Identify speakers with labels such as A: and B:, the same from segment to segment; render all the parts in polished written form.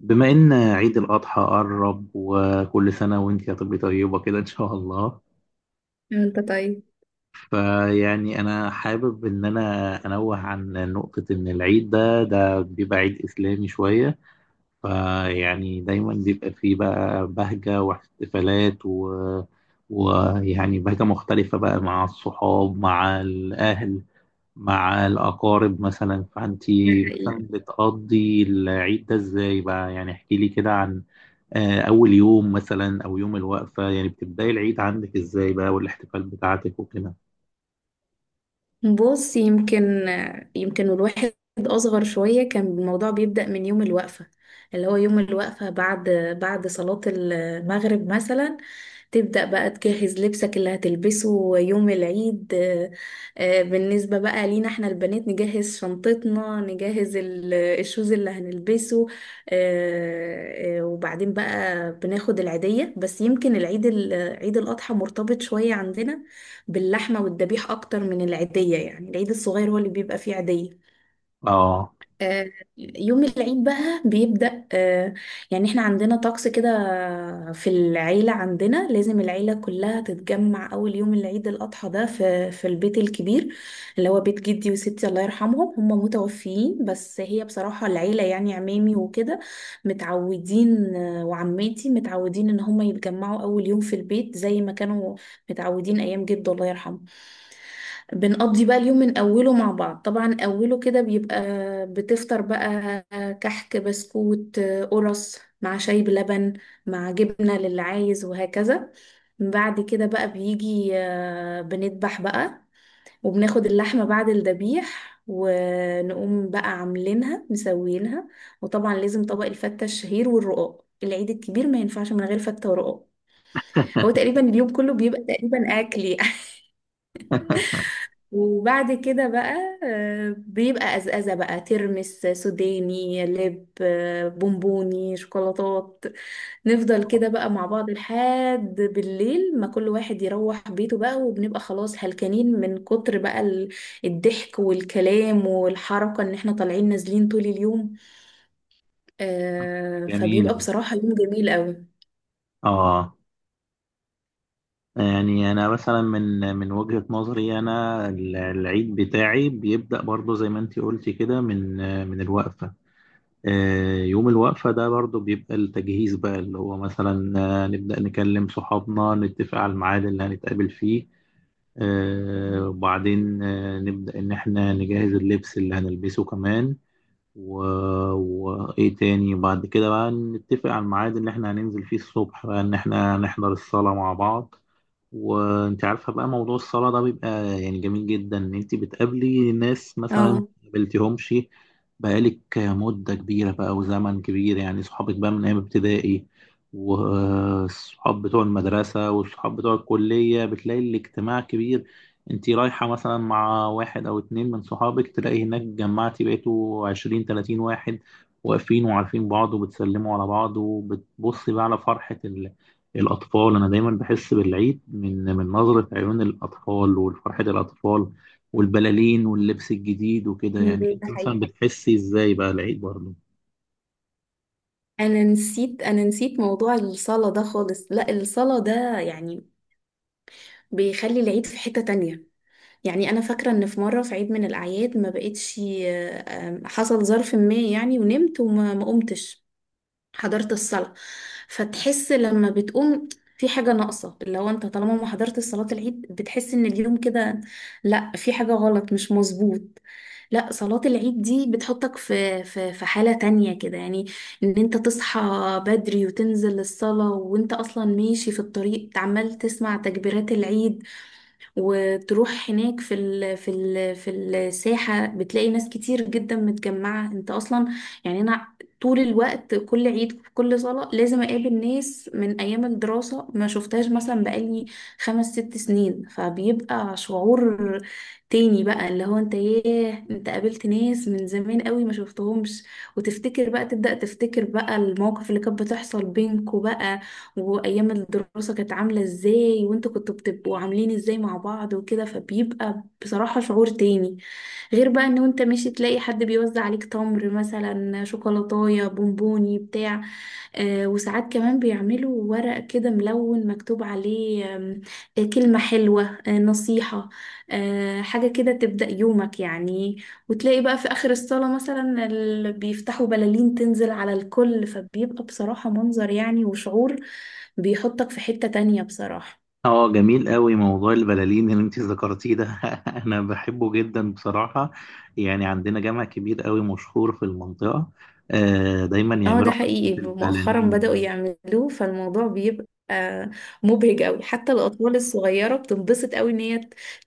A: بما إن عيد الأضحى قرب، وكل سنة وأنت يا طبي طيبة كده إن شاء الله.
B: انت طيب.
A: فيعني أنا حابب إن أنوه عن نقطة إن العيد ده بيبقى عيد إسلامي شوية. فيعني دايما بيبقى فيه بقى بهجة واحتفالات و ويعني بهجة مختلفة بقى مع الصحاب، مع الأهل، مع الأقارب. مثلا، فأنت
B: ده حقيقي.
A: مثلا بتقضي العيد ده إزاي بقى؟ يعني احكي لي كده عن أول يوم مثلا أو يوم الوقفة. يعني بتبداي العيد عندك إزاي بقى، والاحتفال بتاعتك وكده؟
B: بص يمكن، يمكن اصغر شويه كان الموضوع بيبدا من يوم الوقفه، اللي هو يوم الوقفه بعد صلاه المغرب مثلا، تبدأ بقى تجهز لبسك اللي هتلبسه يوم العيد. بالنسبة بقى لينا احنا البنات نجهز شنطتنا نجهز الشوز اللي هنلبسه. وبعدين بقى بناخد العيدية، بس يمكن العيد عيد الأضحى مرتبط شوية عندنا باللحمة والذبيح أكتر من العيدية، يعني العيد الصغير هو اللي بيبقى فيه عيدية.
A: آه،
B: آه، يوم العيد بقى بيبدأ، يعني احنا عندنا طقس كده في العيلة، عندنا لازم العيلة كلها تتجمع أول يوم العيد الأضحى ده في البيت الكبير، اللي هو بيت جدي وستي الله يرحمهم، هم متوفيين بس هي بصراحة العيلة يعني عمامي وكده متعودين، وعماتي متعودين إن هم يتجمعوا أول يوم في البيت زي ما كانوا متعودين أيام جده الله يرحمه. بنقضي بقى اليوم من أوله مع بعض، طبعا أوله كده بيبقى بتفطر بقى كحك بسكوت قرص مع شاي بلبن مع جبنة للي عايز وهكذا. بعد كده بقى بيجي، بنذبح بقى وبناخد اللحمة بعد الذبيح ونقوم بقى عاملينها مسويينها، وطبعا لازم طبق الفتة الشهير والرقاق، العيد الكبير ما ينفعش من غير فتة ورقاق. هو تقريبا اليوم كله بيبقى تقريبا أكل يعني. وبعد كده بقى بيبقى أزأزة بقى ترمس سوداني لب، بونبوني شوكولاتات. نفضل كده بقى مع بعض لحد بالليل ما كل واحد يروح بيته بقى، وبنبقى خلاص هلكانين من كتر بقى الضحك والكلام والحركة ان احنا طالعين نازلين طول اليوم. فبيبقى
A: جميل.
B: بصراحة يوم جميل قوي.
A: آه، يعني أنا مثلا من وجهة نظري أنا العيد بتاعي بيبدأ برضه زي ما أنت قلتي كده من من الوقفة. يوم الوقفة ده برضو بيبقى التجهيز بقى، اللي هو مثلا نبدأ نكلم صحابنا، نتفق على الميعاد اللي هنتقابل فيه. وبعدين نبدأ إن إحنا نجهز اللبس اللي هنلبسه كمان و... وإيه تاني بعد كده بقى، نتفق على الميعاد اللي إحنا هننزل فيه الصبح بقى، إن إحنا نحضر الصلاة مع بعض. وانت عارفه بقى موضوع الصلاه ده بيبقى يعني جميل جدا، ان انت بتقابلي ناس مثلا ما
B: اه.
A: قابلتيهمش بقالك مده كبيره بقى وزمن كبير. يعني صحابك بقى من ايام ابتدائي، والصحاب بتوع المدرسه، والصحاب بتوع الكليه، بتلاقي الاجتماع كبير. انت رايحه مثلا مع واحد او اتنين من صحابك، تلاقي هناك جمعتي بقيتوا عشرين تلاتين واحد، واقفين وعارفين بعض وبتسلموا على بعض، وبتبصي بقى على فرحة الأطفال. أنا دايما بحس بالعيد من من نظرة عيون الأطفال، وفرحة الأطفال، والبلالين، واللبس الجديد وكده. يعني
B: ده
A: أنت
B: حقيقي.
A: مثلا بتحسي إزاي بقى العيد برضه؟
B: انا نسيت موضوع الصلاة ده خالص، لا الصلاة ده يعني بيخلي العيد في حتة تانية. يعني أنا فاكرة إن في مرة في عيد من الأعياد ما بقتش، حصل ظرف ما يعني ونمت ما قمتش حضرت الصلاة، فتحس لما بتقوم في حاجة ناقصة. لو أنت طالما ما حضرت صلاة العيد بتحس إن اليوم كده، لأ في حاجة غلط مش مظبوط. لأ صلاة العيد دي بتحطك في في حالة تانية كده يعني، إن أنت تصحى بدري وتنزل الصلاة وأنت أصلا ماشي في الطريق عمال تسمع تكبيرات العيد، وتروح هناك في ال في ال في الساحة بتلاقي ناس كتير جدا متجمعة. انت اصلا يعني انا طول الوقت كل عيد كل صلاة لازم اقابل ناس من ايام الدراسة ما شفتهاش مثلا بقالي خمس ست سنين، فبيبقى شعور تاني بقى، اللي هو انت ياه انت قابلت ناس من زمان قوي ما شفتهمش، وتفتكر بقى تبدأ تفتكر بقى المواقف اللي كانت بتحصل بينكوا بقى، وايام الدراسة كانت عاملة ازاي وانتوا كنتوا بتبقوا عاملين ازاي مع بعض وكده، فبيبقى بصراحة شعور تاني، غير بقى ان انت ماشي تلاقي حد بيوزع عليك تمر مثلا شوكولاتاية بونبوني بتاع، وساعات كمان بيعملوا ورق كده ملون مكتوب عليه كلمة حلوة، نصيحة، حاجة كده تبدأ يومك يعني. وتلاقي بقى في آخر الصلاة مثلا بيفتحوا بلالين تنزل على الكل، فبيبقى بصراحة منظر يعني وشعور بيحطك في حتة تانية بصراحة.
A: اه، جميل قوي موضوع البلالين اللي انت ذكرتيه ده. انا بحبه جدا بصراحة. يعني عندنا جامع كبير قوي مشهور في المنطقة، آه دايما
B: اه ده
A: يعملوا حركة
B: حقيقي، مؤخرا
A: البلالين
B: بدأوا
A: ده.
B: يعملوه فالموضوع بيبقى مبهج قوي، حتى الأطفال الصغيرة بتنبسط قوي إن هي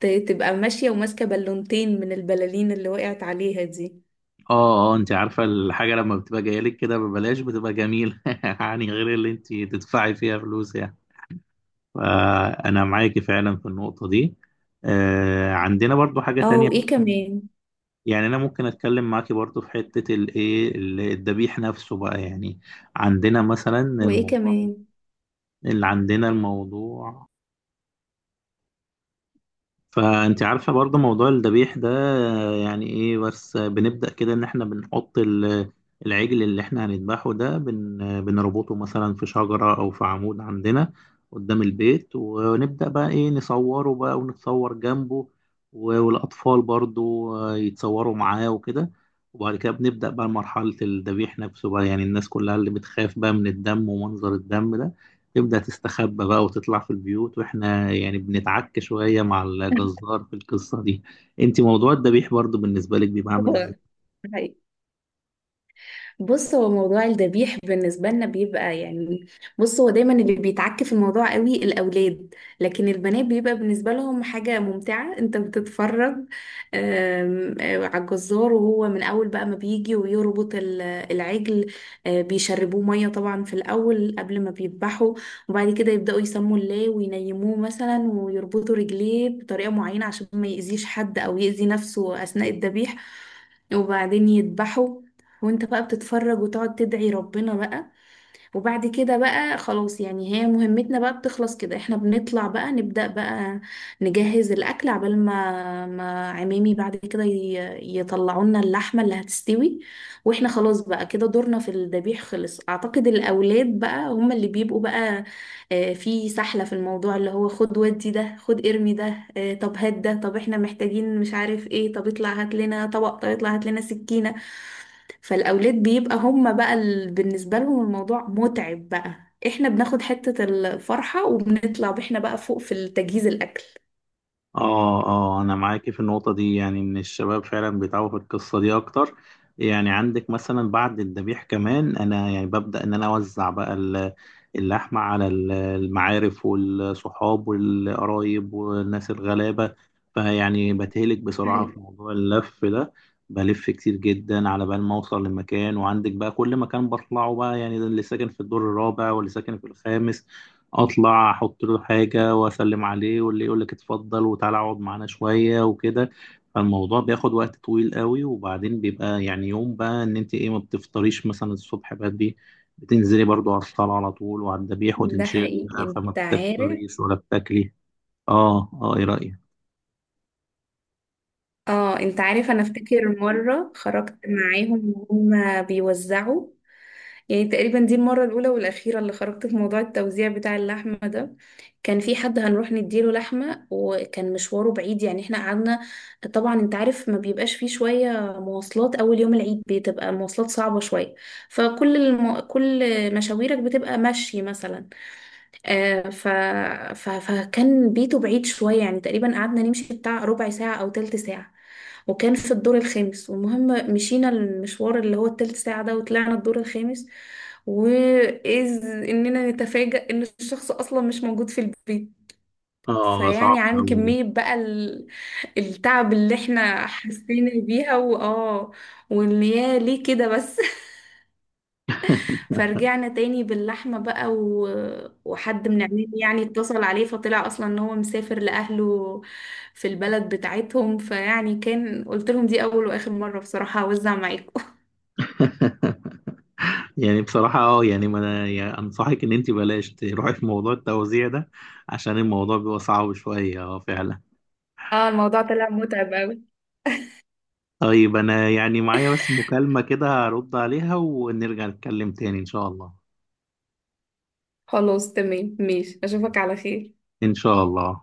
B: تبقى ماشية وماسكة بالونتين من البلالين اللي وقعت عليها دي.
A: اه، اه، انت عارفة الحاجة لما بتبقى جاية لك كده ببلاش بتبقى جميلة، يعني غير اللي انت تدفعي فيها فلوس يعني. فأنا معاكي فعلا في النقطة دي. عندنا برضو حاجة
B: اه
A: تانية.
B: وإيه كمان؟
A: يعني أنا ممكن أتكلم معاكي برضو في حتة الإيه، الذبيح نفسه بقى. يعني عندنا مثلا
B: وإيه
A: الموضوع
B: كمان؟
A: اللي عندنا الموضوع. فانت عارفه برضه موضوع الذبيح ده، يعني ايه، بس بنبدا كده ان احنا بنحط العجل اللي احنا هنذبحه ده بن آه، بنربطه مثلا في شجره او في عمود عندنا قدام البيت، ونبدا بقى ايه، نصوره بقى ونتصور جنبه. والاطفال برضه يتصوروا معاه وكده. وبعد كده بنبدا بقى مرحله الذبيح نفسه بقى. يعني الناس كلها اللي بتخاف بقى من الدم ومنظر الدم ده تبدأ تستخبى بقى وتطلع في البيوت، واحنا يعني بنتعك شوية مع الجزار في القصة دي. انت موضوع الذبيح برضو بالنسبة لك بيبقى عامل ازاي؟
B: ده حقيقي. بص هو موضوع الذبيح بالنسبة لنا بيبقى يعني، بص هو دايما اللي بيتعك في الموضوع قوي الأولاد، لكن البنات بيبقى بالنسبة لهم حاجة ممتعة. انت بتتفرج آم، آه، على الجزار وهو من أول بقى ما بيجي ويربط العجل، بيشربوه مية طبعا في الأول قبل ما بيذبحوا، وبعد كده يبدأوا يسموا الله وينيموه مثلا ويربطوا رجليه بطريقة معينة عشان ما يأذيش حد أو يأذي نفسه أثناء الذبيح، وبعدين يذبحوا، وانت بقى بتتفرج وتقعد تدعي ربنا بقى. وبعد كده بقى خلاص يعني، هي مهمتنا بقى بتخلص كده، احنا بنطلع بقى نبدأ بقى نجهز الأكل عبال ما عمامي بعد كده يطلعوا لنا اللحمة اللي هتستوي، واحنا خلاص بقى كده دورنا في الذبيح خلص. أعتقد الأولاد بقى هم اللي بيبقوا بقى في سحلة في الموضوع، اللي هو خد ودي ده خد ارمي ده، طب هات ده طب احنا محتاجين مش عارف ايه، طب اطلع هات لنا طبق، طب اطلع هات لنا سكينة. فالأولاد بيبقى هم بقى بالنسبة لهم الموضوع متعب بقى، احنا بناخد حتة الفرحة وبنطلع بإحنا بقى فوق في التجهيز الأكل.
A: اه، اه، انا معاكي في النقطة دي، يعني ان الشباب فعلا بيتعبوا في القصة دي اكتر. يعني عندك مثلا بعد الذبيح كمان، انا يعني ببدأ ان انا اوزع بقى اللحمة على المعارف والصحاب والقرايب والناس الغلابة. فيعني بتهلك بسرعة
B: حقيقي.
A: في موضوع اللف ده. بلف كتير جدا على بال ما اوصل لمكان، وعندك بقى كل مكان بطلعه بقى، يعني ده اللي ساكن في الدور الرابع واللي ساكن في الخامس، اطلع احط له حاجه واسلم عليه، واللي يقول لك اتفضل وتعالى اقعد معانا شويه وكده. فالموضوع بياخد وقت طويل قوي. وبعدين بيبقى يعني يوم بقى ان انت ايه، ما بتفطريش مثلا الصبح بدري، بتنزلي برضو على الصلاه على طول وعلى الذبيح،
B: ده
A: وتنشغلي
B: حقيقي.
A: بقى، فما
B: انت عارف؟
A: بتفطريش ولا بتاكلي. اه، اه، ايه رايك؟
B: اه انت عارف انا افتكر مرة خرجت معاهم وهم بيوزعوا، يعني تقريبا دي المرة الأولى والأخيرة اللي خرجت في موضوع التوزيع بتاع اللحمة ده. كان في حد هنروح نديله لحمة وكان مشواره بعيد، يعني احنا قعدنا، طبعا انت عارف ما بيبقاش فيه شوية مواصلات، أول يوم العيد بتبقى مواصلات صعبة شوية، فكل كل مشاويرك بتبقى مشي مثلا. آه، ف... فكان بيته بعيد شوية، يعني تقريبا قعدنا نمشي بتاع ربع ساعة أو تلت ساعة، وكان في الدور الخامس، والمهم مشينا المشوار اللي هو التلت ساعة ده وطلعنا الدور الخامس، وإذ إننا نتفاجأ إن الشخص أصلا مش موجود في البيت.
A: اه،
B: فيعني
A: صعب
B: عن
A: قوي ده.
B: كمية بقى التعب اللي احنا حسينا بيها وآه، واللي يا ليه كده بس. فرجعنا تاني باللحمة بقى وحد من عمامي يعني اتصل عليه فطلع أصلا إن هو مسافر لأهله في البلد بتاعتهم. فيعني كان قلت لهم دي أول وآخر مرة بصراحة هوزع معاكم.
A: يعني بصراحة، اه، يعني ما انا يعني انصحك ان انت بلاش تروحي في موضوع التوزيع ده، عشان الموضوع بيبقى صعب شوية، اه فعلا.
B: اه الموضوع طلع متعب أوي.
A: طيب أنا يعني معايا بس مكالمة كده، هرد عليها ونرجع نتكلم تاني إن شاء الله.
B: خلاص تمام ماشي، أشوفك على خير.
A: إن شاء الله.